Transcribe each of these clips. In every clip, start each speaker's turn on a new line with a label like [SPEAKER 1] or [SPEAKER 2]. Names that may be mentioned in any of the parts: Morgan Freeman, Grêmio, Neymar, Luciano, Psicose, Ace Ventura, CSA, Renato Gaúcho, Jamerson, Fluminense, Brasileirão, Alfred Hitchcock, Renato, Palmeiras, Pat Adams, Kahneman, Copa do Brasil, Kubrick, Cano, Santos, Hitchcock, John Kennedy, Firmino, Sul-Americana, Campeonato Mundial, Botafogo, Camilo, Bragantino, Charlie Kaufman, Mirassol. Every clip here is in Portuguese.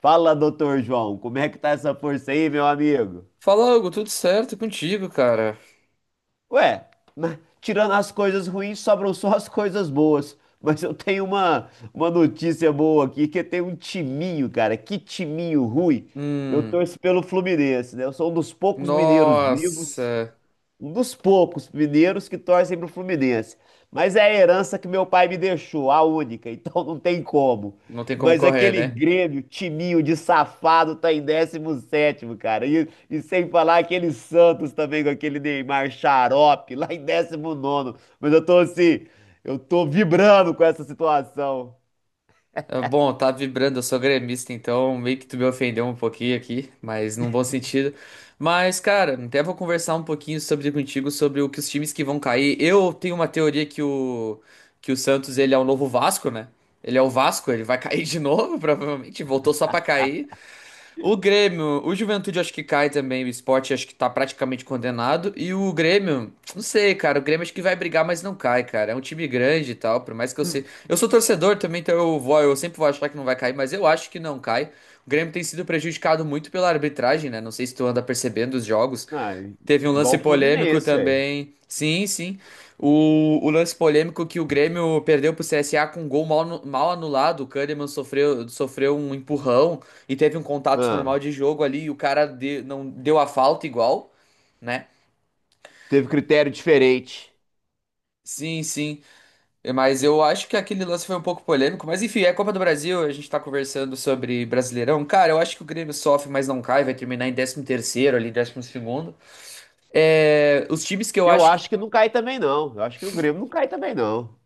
[SPEAKER 1] Fala, doutor João, como é que tá essa força aí, meu amigo?
[SPEAKER 2] Fala, Hugo, tudo certo e contigo, cara?
[SPEAKER 1] Ué, mas tirando as coisas ruins, sobram só as coisas boas. Mas eu tenho uma notícia boa aqui, que tem um timinho, cara. Que timinho ruim. Eu
[SPEAKER 2] Hum,
[SPEAKER 1] torço pelo Fluminense, né? Eu sou um dos poucos mineiros vivos.
[SPEAKER 2] nossa,
[SPEAKER 1] Um dos poucos mineiros que torcem pro Fluminense. Mas é a herança que meu pai me deixou, a única, então não tem como.
[SPEAKER 2] não tem como
[SPEAKER 1] Mas
[SPEAKER 2] correr,
[SPEAKER 1] aquele
[SPEAKER 2] né?
[SPEAKER 1] Grêmio, timinho de safado, tá em décimo sétimo, cara. E sem falar aquele Santos também, com aquele Neymar xarope, lá em décimo nono. Mas eu tô assim, eu tô vibrando com essa situação.
[SPEAKER 2] Ah, bom, tá vibrando, eu sou gremista, então meio que tu me ofendeu um pouquinho aqui, mas num bom sentido. Mas, cara, até vou conversar um pouquinho sobre contigo, sobre o que os times que vão cair. Eu tenho uma teoria que o Santos, ele é o novo Vasco, né? Ele é o Vasco, ele vai cair de novo, provavelmente, voltou só pra cair. O Grêmio, o Juventude acho que cai também, o Sport acho que tá praticamente condenado. E o Grêmio, não sei, cara, o Grêmio acho que vai brigar, mas não cai, cara. É um time grande e tal, por mais que eu sei. Eu sou torcedor também, então eu sempre vou achar que não vai cair, mas eu acho que não cai. O Grêmio tem sido prejudicado muito pela arbitragem, né? Não sei se tu anda percebendo os jogos.
[SPEAKER 1] Ah,
[SPEAKER 2] Teve um
[SPEAKER 1] igual
[SPEAKER 2] lance
[SPEAKER 1] o
[SPEAKER 2] polêmico
[SPEAKER 1] Fluminense, velho.
[SPEAKER 2] também. Sim, sim. O lance polêmico que o Grêmio perdeu pro CSA com um gol mal anulado. O Kahneman sofreu um empurrão e teve um contato
[SPEAKER 1] Ah,
[SPEAKER 2] normal de jogo ali. E o cara não deu a falta igual, né?
[SPEAKER 1] teve critério diferente.
[SPEAKER 2] Sim, sim. Mas eu acho que aquele lance foi um pouco polêmico. Mas enfim, é Copa do Brasil. A gente tá conversando sobre Brasileirão. Cara, eu acho que o Grêmio sofre, mas não cai. Vai terminar em décimo terceiro ali, décimo segundo. É, os times que eu
[SPEAKER 1] Eu
[SPEAKER 2] acho.
[SPEAKER 1] acho que não cai também, não. Eu acho que o Grêmio não cai também, não.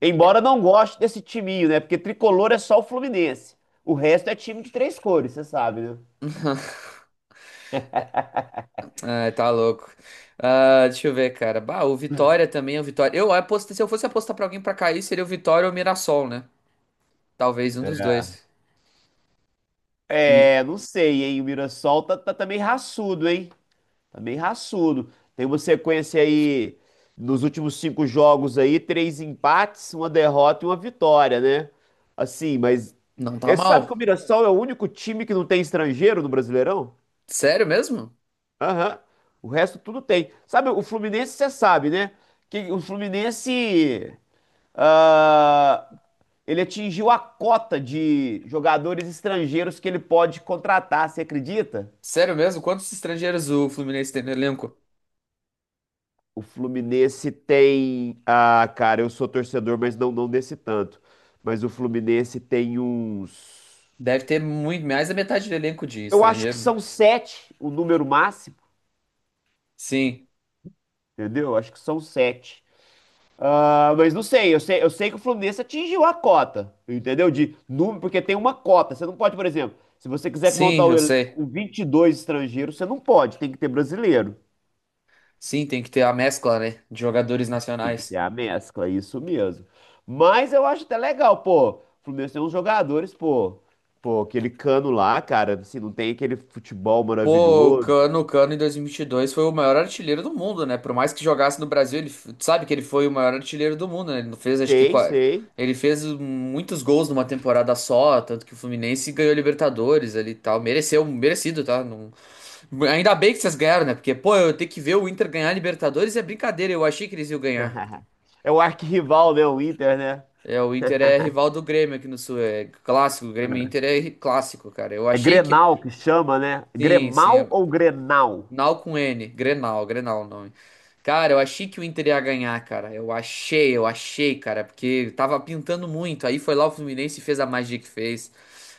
[SPEAKER 1] Embora não goste desse timinho, né? Porque tricolor é só o Fluminense. O resto é time de três cores, você sabe, né?
[SPEAKER 2] Ai, tá louco. Ah, deixa eu ver, cara. Bah, o Vitória também, o Vitória. Eu aposto, se eu fosse apostar pra alguém pra cair, seria o Vitória ou o Mirassol, né? Talvez um dos dois. E
[SPEAKER 1] É, não sei, hein? O Mirassol tá meio raçudo, hein? Tá meio raçudo. Tem uma sequência aí nos últimos cinco jogos aí, três empates, uma derrota e uma vitória, né? Assim, mas
[SPEAKER 2] não tá
[SPEAKER 1] você sabe que o
[SPEAKER 2] mal.
[SPEAKER 1] Mirassol é o único time que não tem estrangeiro no Brasileirão?
[SPEAKER 2] Sério mesmo?
[SPEAKER 1] Aham. O resto tudo tem. Sabe, o Fluminense, você sabe, né? Que o Fluminense ah, ele atingiu a cota de jogadores estrangeiros que ele pode contratar, você acredita?
[SPEAKER 2] Sério mesmo? Quantos estrangeiros o Fluminense tem no elenco?
[SPEAKER 1] O Fluminense tem. Ah, cara, eu sou torcedor, mas não desse tanto. Mas o Fluminense tem uns.
[SPEAKER 2] Deve ter muito, mais da metade do elenco de
[SPEAKER 1] Eu acho que
[SPEAKER 2] estrangeiro, né?
[SPEAKER 1] são sete o número máximo,
[SPEAKER 2] Sim.
[SPEAKER 1] entendeu? Eu acho que são sete. Ah, mas não sei, eu sei que o Fluminense atingiu a cota, entendeu? De número, porque tem uma cota. Você não pode, por exemplo, se você quiser
[SPEAKER 2] Sim,
[SPEAKER 1] montar o
[SPEAKER 2] eu
[SPEAKER 1] elenco
[SPEAKER 2] sei.
[SPEAKER 1] com 22 estrangeiros, você não pode, tem que ter brasileiro.
[SPEAKER 2] Sim, tem que ter a mescla, né? De jogadores
[SPEAKER 1] Tem que ter
[SPEAKER 2] nacionais.
[SPEAKER 1] a mescla, isso mesmo. Mas eu acho até legal, pô. O Fluminense tem uns jogadores, pô. Pô, aquele Cano lá, cara, assim, não tem aquele futebol
[SPEAKER 2] Pô,
[SPEAKER 1] maravilhoso.
[SPEAKER 2] O Cano em 2022 foi o maior artilheiro do mundo, né? Por mais que jogasse no Brasil, tu sabe que ele foi o maior artilheiro do mundo, né? Ele não fez, acho que
[SPEAKER 1] Sei, sei.
[SPEAKER 2] ele fez muitos gols numa temporada só, tanto que o Fluminense ganhou Libertadores ali e tal. Mereceu, merecido, tá? Ainda bem que vocês ganharam, né? Porque, pô, eu ter que ver o Inter ganhar Libertadores é brincadeira, eu achei que eles iam ganhar.
[SPEAKER 1] É o arquirrival, né? O Inter, né?
[SPEAKER 2] É, o Inter é rival do Grêmio aqui no Sul, é clássico, o Grêmio e Inter é clássico, cara. Eu
[SPEAKER 1] É
[SPEAKER 2] achei que.
[SPEAKER 1] Grenal que chama, né?
[SPEAKER 2] Sim,
[SPEAKER 1] Gremal
[SPEAKER 2] sim.
[SPEAKER 1] ou Grenal?
[SPEAKER 2] Nau com N, Grenal, Grenal é o nome. Cara, eu achei que o Inter ia ganhar, cara. Eu achei, cara, porque tava pintando muito. Aí foi lá o Fluminense e fez a magia que fez.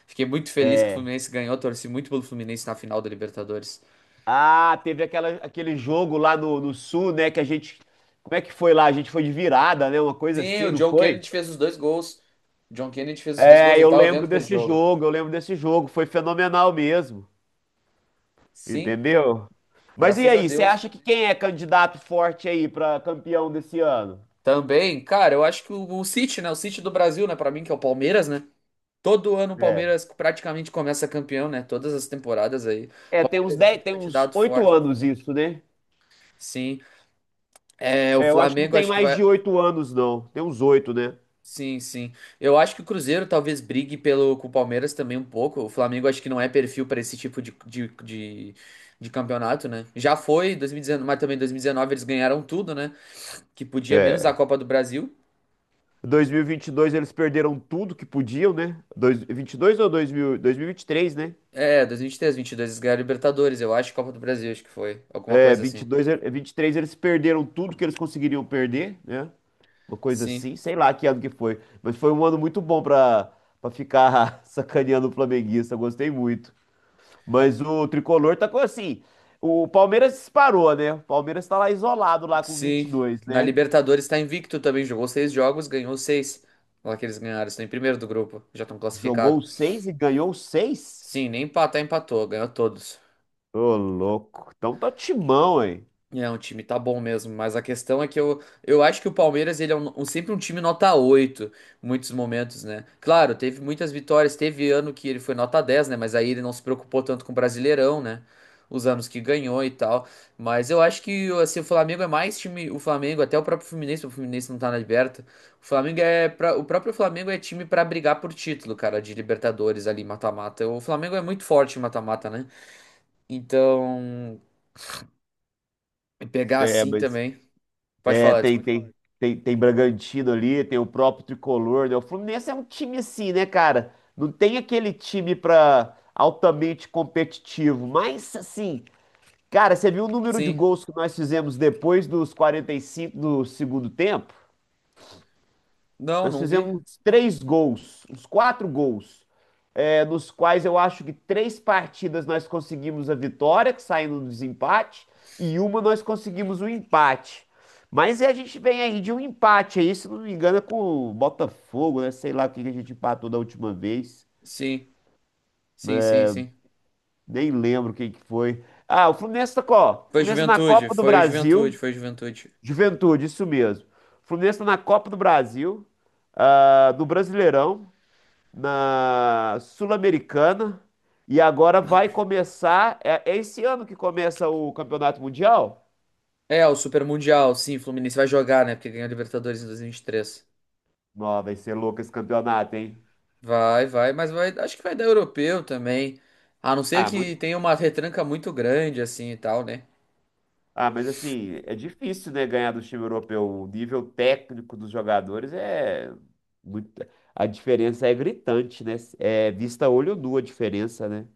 [SPEAKER 2] Fiquei muito feliz que o
[SPEAKER 1] É.
[SPEAKER 2] Fluminense ganhou, torci muito pelo Fluminense na final da Libertadores.
[SPEAKER 1] Ah, teve aquela, aquele jogo lá no Sul, né? Que a gente. Como é que foi lá? A gente foi de virada, né? Uma coisa
[SPEAKER 2] Sim, o
[SPEAKER 1] assim, não
[SPEAKER 2] John
[SPEAKER 1] foi?
[SPEAKER 2] Kennedy fez os dois gols. O John Kennedy fez os dois
[SPEAKER 1] É,
[SPEAKER 2] gols, eu
[SPEAKER 1] eu
[SPEAKER 2] tava
[SPEAKER 1] lembro
[SPEAKER 2] vendo aquele
[SPEAKER 1] desse
[SPEAKER 2] jogo.
[SPEAKER 1] jogo, eu lembro desse jogo. Foi fenomenal mesmo.
[SPEAKER 2] Sim,
[SPEAKER 1] Entendeu? Mas e
[SPEAKER 2] graças a
[SPEAKER 1] aí, você
[SPEAKER 2] Deus.
[SPEAKER 1] acha que quem é candidato forte aí para campeão desse ano?
[SPEAKER 2] Também, cara, eu acho que o City, né? O City do Brasil, né? Pra mim, que é o Palmeiras, né? Todo ano o
[SPEAKER 1] É.
[SPEAKER 2] Palmeiras praticamente começa campeão, né? Todas as temporadas aí. O
[SPEAKER 1] É, tem uns
[SPEAKER 2] Palmeiras é
[SPEAKER 1] 10,
[SPEAKER 2] sempre
[SPEAKER 1] tem uns
[SPEAKER 2] candidato
[SPEAKER 1] 8
[SPEAKER 2] forte.
[SPEAKER 1] anos isso, né?
[SPEAKER 2] Sim. É, o
[SPEAKER 1] É, eu acho que não
[SPEAKER 2] Flamengo
[SPEAKER 1] tem
[SPEAKER 2] acho que
[SPEAKER 1] mais
[SPEAKER 2] vai.
[SPEAKER 1] de 8 anos, não. Tem uns 8, né?
[SPEAKER 2] Sim, sim. Eu acho que o Cruzeiro talvez brigue pelo, com o Palmeiras também um pouco. O Flamengo acho que não é perfil para esse tipo de campeonato, né? Já foi 2019, mas também 2019 eles ganharam tudo, né? Que podia, menos a
[SPEAKER 1] É.
[SPEAKER 2] Copa do Brasil.
[SPEAKER 1] 2022 eles perderam tudo que podiam, né? 22 ou 2000, 2023, né?
[SPEAKER 2] É, 2023, 2022 eles ganharam a Libertadores, eu acho, Copa do Brasil, acho que foi. Alguma
[SPEAKER 1] É,
[SPEAKER 2] coisa assim.
[SPEAKER 1] 22, 23 eles perderam tudo que eles conseguiriam perder, né? Uma coisa
[SPEAKER 2] Sim.
[SPEAKER 1] assim, sei lá que ano que foi, mas foi um ano muito bom pra para ficar sacaneando o flamenguista, gostei muito. Mas o tricolor tá com assim, o Palmeiras disparou, né? O Palmeiras tá lá isolado lá com
[SPEAKER 2] Sim,
[SPEAKER 1] 22,
[SPEAKER 2] na
[SPEAKER 1] né?
[SPEAKER 2] Libertadores está invicto também, jogou seis jogos, ganhou seis. Lá que eles ganharam, estão em primeiro do grupo, já estão classificados.
[SPEAKER 1] Jogou seis e ganhou seis?
[SPEAKER 2] Sim, nem empatar, empatou, ganhou todos.
[SPEAKER 1] Ô, louco. Então tá timão, hein?
[SPEAKER 2] É, um time tá bom mesmo, mas a questão é que eu acho que o Palmeiras ele é sempre um time nota 8 em muitos momentos, né? Claro, teve muitas vitórias, teve ano que ele foi nota dez, né? Mas aí ele não se preocupou tanto com o Brasileirão, né? Os anos que ganhou e tal. Mas eu acho que assim, o Flamengo, é mais time, o Flamengo, até o próprio Fluminense, o Fluminense não tá na Liberta. O Flamengo é pra, o próprio Flamengo é time pra brigar por título, cara, de Libertadores ali, mata-mata. O Flamengo é muito forte em mata-mata, né? Então, pegar
[SPEAKER 1] É,
[SPEAKER 2] assim
[SPEAKER 1] mas
[SPEAKER 2] também. Pode
[SPEAKER 1] é,
[SPEAKER 2] falar,
[SPEAKER 1] tem,
[SPEAKER 2] desculpa.
[SPEAKER 1] tem, tem, tem Bragantino ali, tem o próprio Tricolor, né? O Fluminense é um time assim, né, cara? Não tem aquele time pra altamente competitivo, mas assim, cara, você viu o número de
[SPEAKER 2] Sim.
[SPEAKER 1] gols que nós fizemos depois dos 45 do segundo tempo?
[SPEAKER 2] Não,
[SPEAKER 1] Nós
[SPEAKER 2] não vi.
[SPEAKER 1] fizemos três gols, uns quatro gols é, nos quais eu acho que três partidas nós conseguimos a vitória, que saindo do desempate, e uma nós conseguimos o empate. Mas a gente vem aí de um empate aí, se não me engano, é com o Botafogo, né? Sei lá o que que a gente empatou da última vez.
[SPEAKER 2] Sim. Sim, sim, sim.
[SPEAKER 1] Nem lembro quem que foi. Ah, o Fluminense tá, ó, o
[SPEAKER 2] Foi
[SPEAKER 1] Fluminense tá na
[SPEAKER 2] Juventude,
[SPEAKER 1] Copa do
[SPEAKER 2] foi
[SPEAKER 1] Brasil.
[SPEAKER 2] Juventude, foi Juventude.
[SPEAKER 1] Juventude, isso mesmo. O Fluminense tá na Copa do Brasil, ah, do Brasileirão. Na Sul-Americana e agora vai começar. É, é esse ano que começa o Campeonato Mundial?
[SPEAKER 2] É, o Super Mundial, sim, Fluminense vai jogar, né? Porque ganhou a Libertadores em 2023.
[SPEAKER 1] Nó, vai ser louco esse campeonato, hein?
[SPEAKER 2] Vai, vai, mas vai, acho que vai dar europeu também. A não ser
[SPEAKER 1] Ah,
[SPEAKER 2] que
[SPEAKER 1] muito,
[SPEAKER 2] tenha uma retranca muito grande, assim e tal, né?
[SPEAKER 1] ah, mas assim, é difícil, né, ganhar do time europeu. O nível técnico dos jogadores é muito. A diferença é gritante, né? É vista a olho nu a diferença, né?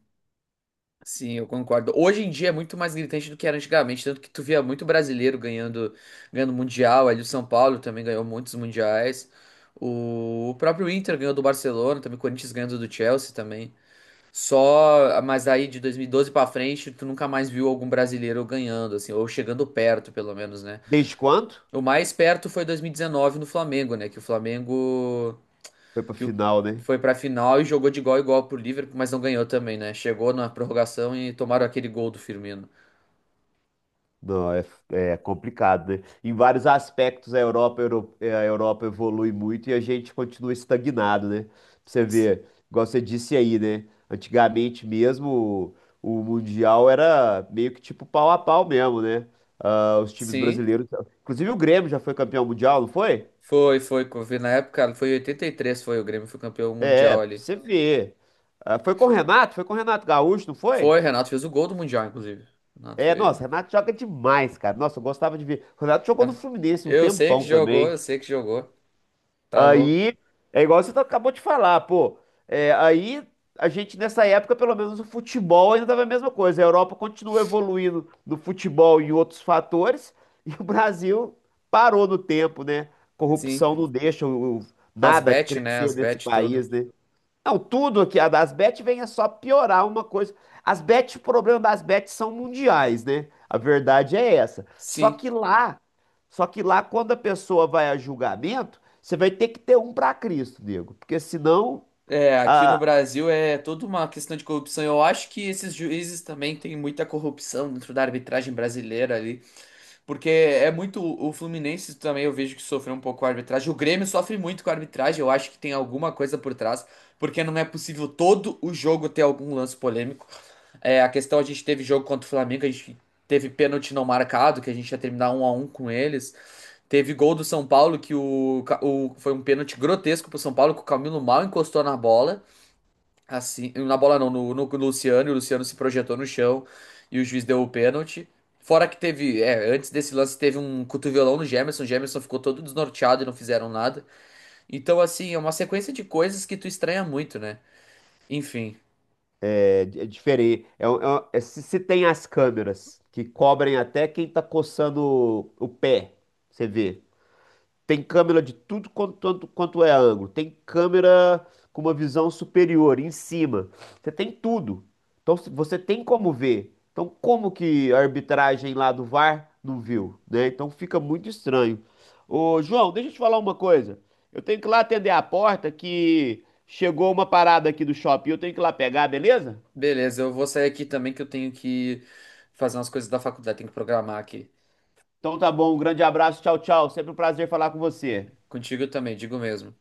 [SPEAKER 2] Sim, eu concordo. Hoje em dia é muito mais gritante do que era antigamente, tanto que tu via muito brasileiro ganhando, ganhando mundial, ali o São Paulo também ganhou muitos mundiais. O próprio Inter ganhou do Barcelona, também o Corinthians ganhando do Chelsea também. Só, mas aí de 2012 pra frente, tu nunca mais viu algum brasileiro ganhando assim, ou chegando perto, pelo menos, né?
[SPEAKER 1] Desde quando?
[SPEAKER 2] O mais perto foi 2019 no Flamengo, né, que o Flamengo
[SPEAKER 1] Foi pra
[SPEAKER 2] que o-
[SPEAKER 1] final, né?
[SPEAKER 2] foi pra final e jogou de igual a igual pro Liverpool, mas não ganhou também, né? Chegou na prorrogação e tomaram aquele gol do Firmino.
[SPEAKER 1] Não, é, é complicado, né? Em vários aspectos, a Europa, a Europa evolui muito e a gente continua estagnado, né? Pra você
[SPEAKER 2] S-
[SPEAKER 1] ver, igual você disse aí, né? Antigamente mesmo, o Mundial era meio que tipo pau a pau mesmo, né? Ah, os times
[SPEAKER 2] Sim,
[SPEAKER 1] brasileiros. Inclusive o Grêmio já foi campeão mundial, não foi?
[SPEAKER 2] foi, foi. Co- vi Na época, foi em 83, foi o Grêmio, foi campeão
[SPEAKER 1] É,
[SPEAKER 2] mundial
[SPEAKER 1] pra
[SPEAKER 2] ali.
[SPEAKER 1] você ver. Ah, foi com o Renato? Foi com o Renato Gaúcho, não foi?
[SPEAKER 2] Foi, Renato fez o gol do mundial, inclusive. Renato
[SPEAKER 1] É, nossa,
[SPEAKER 2] foi.
[SPEAKER 1] o Renato joga demais, cara. Nossa, eu gostava de ver. O Renato jogou no
[SPEAKER 2] Renato-
[SPEAKER 1] Fluminense um
[SPEAKER 2] Eu sei que
[SPEAKER 1] tempão
[SPEAKER 2] jogou, eu
[SPEAKER 1] também.
[SPEAKER 2] sei que jogou. Tá louco.
[SPEAKER 1] Aí é igual você acabou de falar, pô. É, aí a gente, nessa época, pelo menos o futebol ainda estava a mesma coisa. A Europa continua evoluindo no futebol e em outros fatores, e o Brasil parou no tempo, né?
[SPEAKER 2] Sim,
[SPEAKER 1] Corrupção não deixa
[SPEAKER 2] as
[SPEAKER 1] nada
[SPEAKER 2] bet, né? As
[SPEAKER 1] crescer nesse
[SPEAKER 2] bet tudo.
[SPEAKER 1] país, né? Não, tudo aqui, as bets vem é só piorar uma coisa. As bets, o problema das bets são mundiais, né? A verdade é essa. Só
[SPEAKER 2] Sim.
[SPEAKER 1] que lá, só que lá quando a pessoa vai a julgamento, você vai ter que ter um para Cristo, nego, porque senão
[SPEAKER 2] É, aqui no Brasil é toda uma questão de corrupção. Eu acho que esses juízes também têm muita corrupção dentro da arbitragem brasileira ali. Porque é muito. O Fluminense também eu vejo que sofreu um pouco com a arbitragem. O Grêmio sofre muito com a arbitragem. Eu acho que tem alguma coisa por trás. Porque não é possível todo o jogo ter algum lance polêmico. É, a questão, a gente teve jogo contra o Flamengo, a gente teve pênalti não marcado, que a gente ia terminar um a um com eles. Teve gol do São Paulo, que o, Ca- o- foi um pênalti grotesco pro São Paulo, que o Camilo mal encostou na bola. Assim, na bola não, no Luciano, e o Luciano se projetou no chão e o juiz deu o pênalti. Fora que teve, é, antes desse lance teve um cotovelão no Jamerson, o Jamerson ficou todo desnorteado e não fizeram nada. Então, assim, é uma sequência de coisas que tu estranha muito, né? Enfim,
[SPEAKER 1] é, é diferente. É, se, se tem as câmeras que cobrem até quem tá coçando o pé, você vê. Tem câmera de tudo quanto, tanto quanto é ângulo. Tem câmera com uma visão superior, em cima. Você tem tudo. Então você tem como ver. Então como que a arbitragem lá do VAR não viu, né? Então fica muito estranho. Ô, João, deixa eu te falar uma coisa. Eu tenho que ir lá atender a porta que chegou uma parada aqui do shopping. Eu tenho que ir lá pegar, beleza?
[SPEAKER 2] beleza, eu vou sair aqui também que eu tenho que fazer umas coisas da faculdade, tenho que programar aqui.
[SPEAKER 1] Então tá bom, um grande abraço, tchau, tchau. Sempre um prazer falar com você.
[SPEAKER 2] Contigo também, digo mesmo.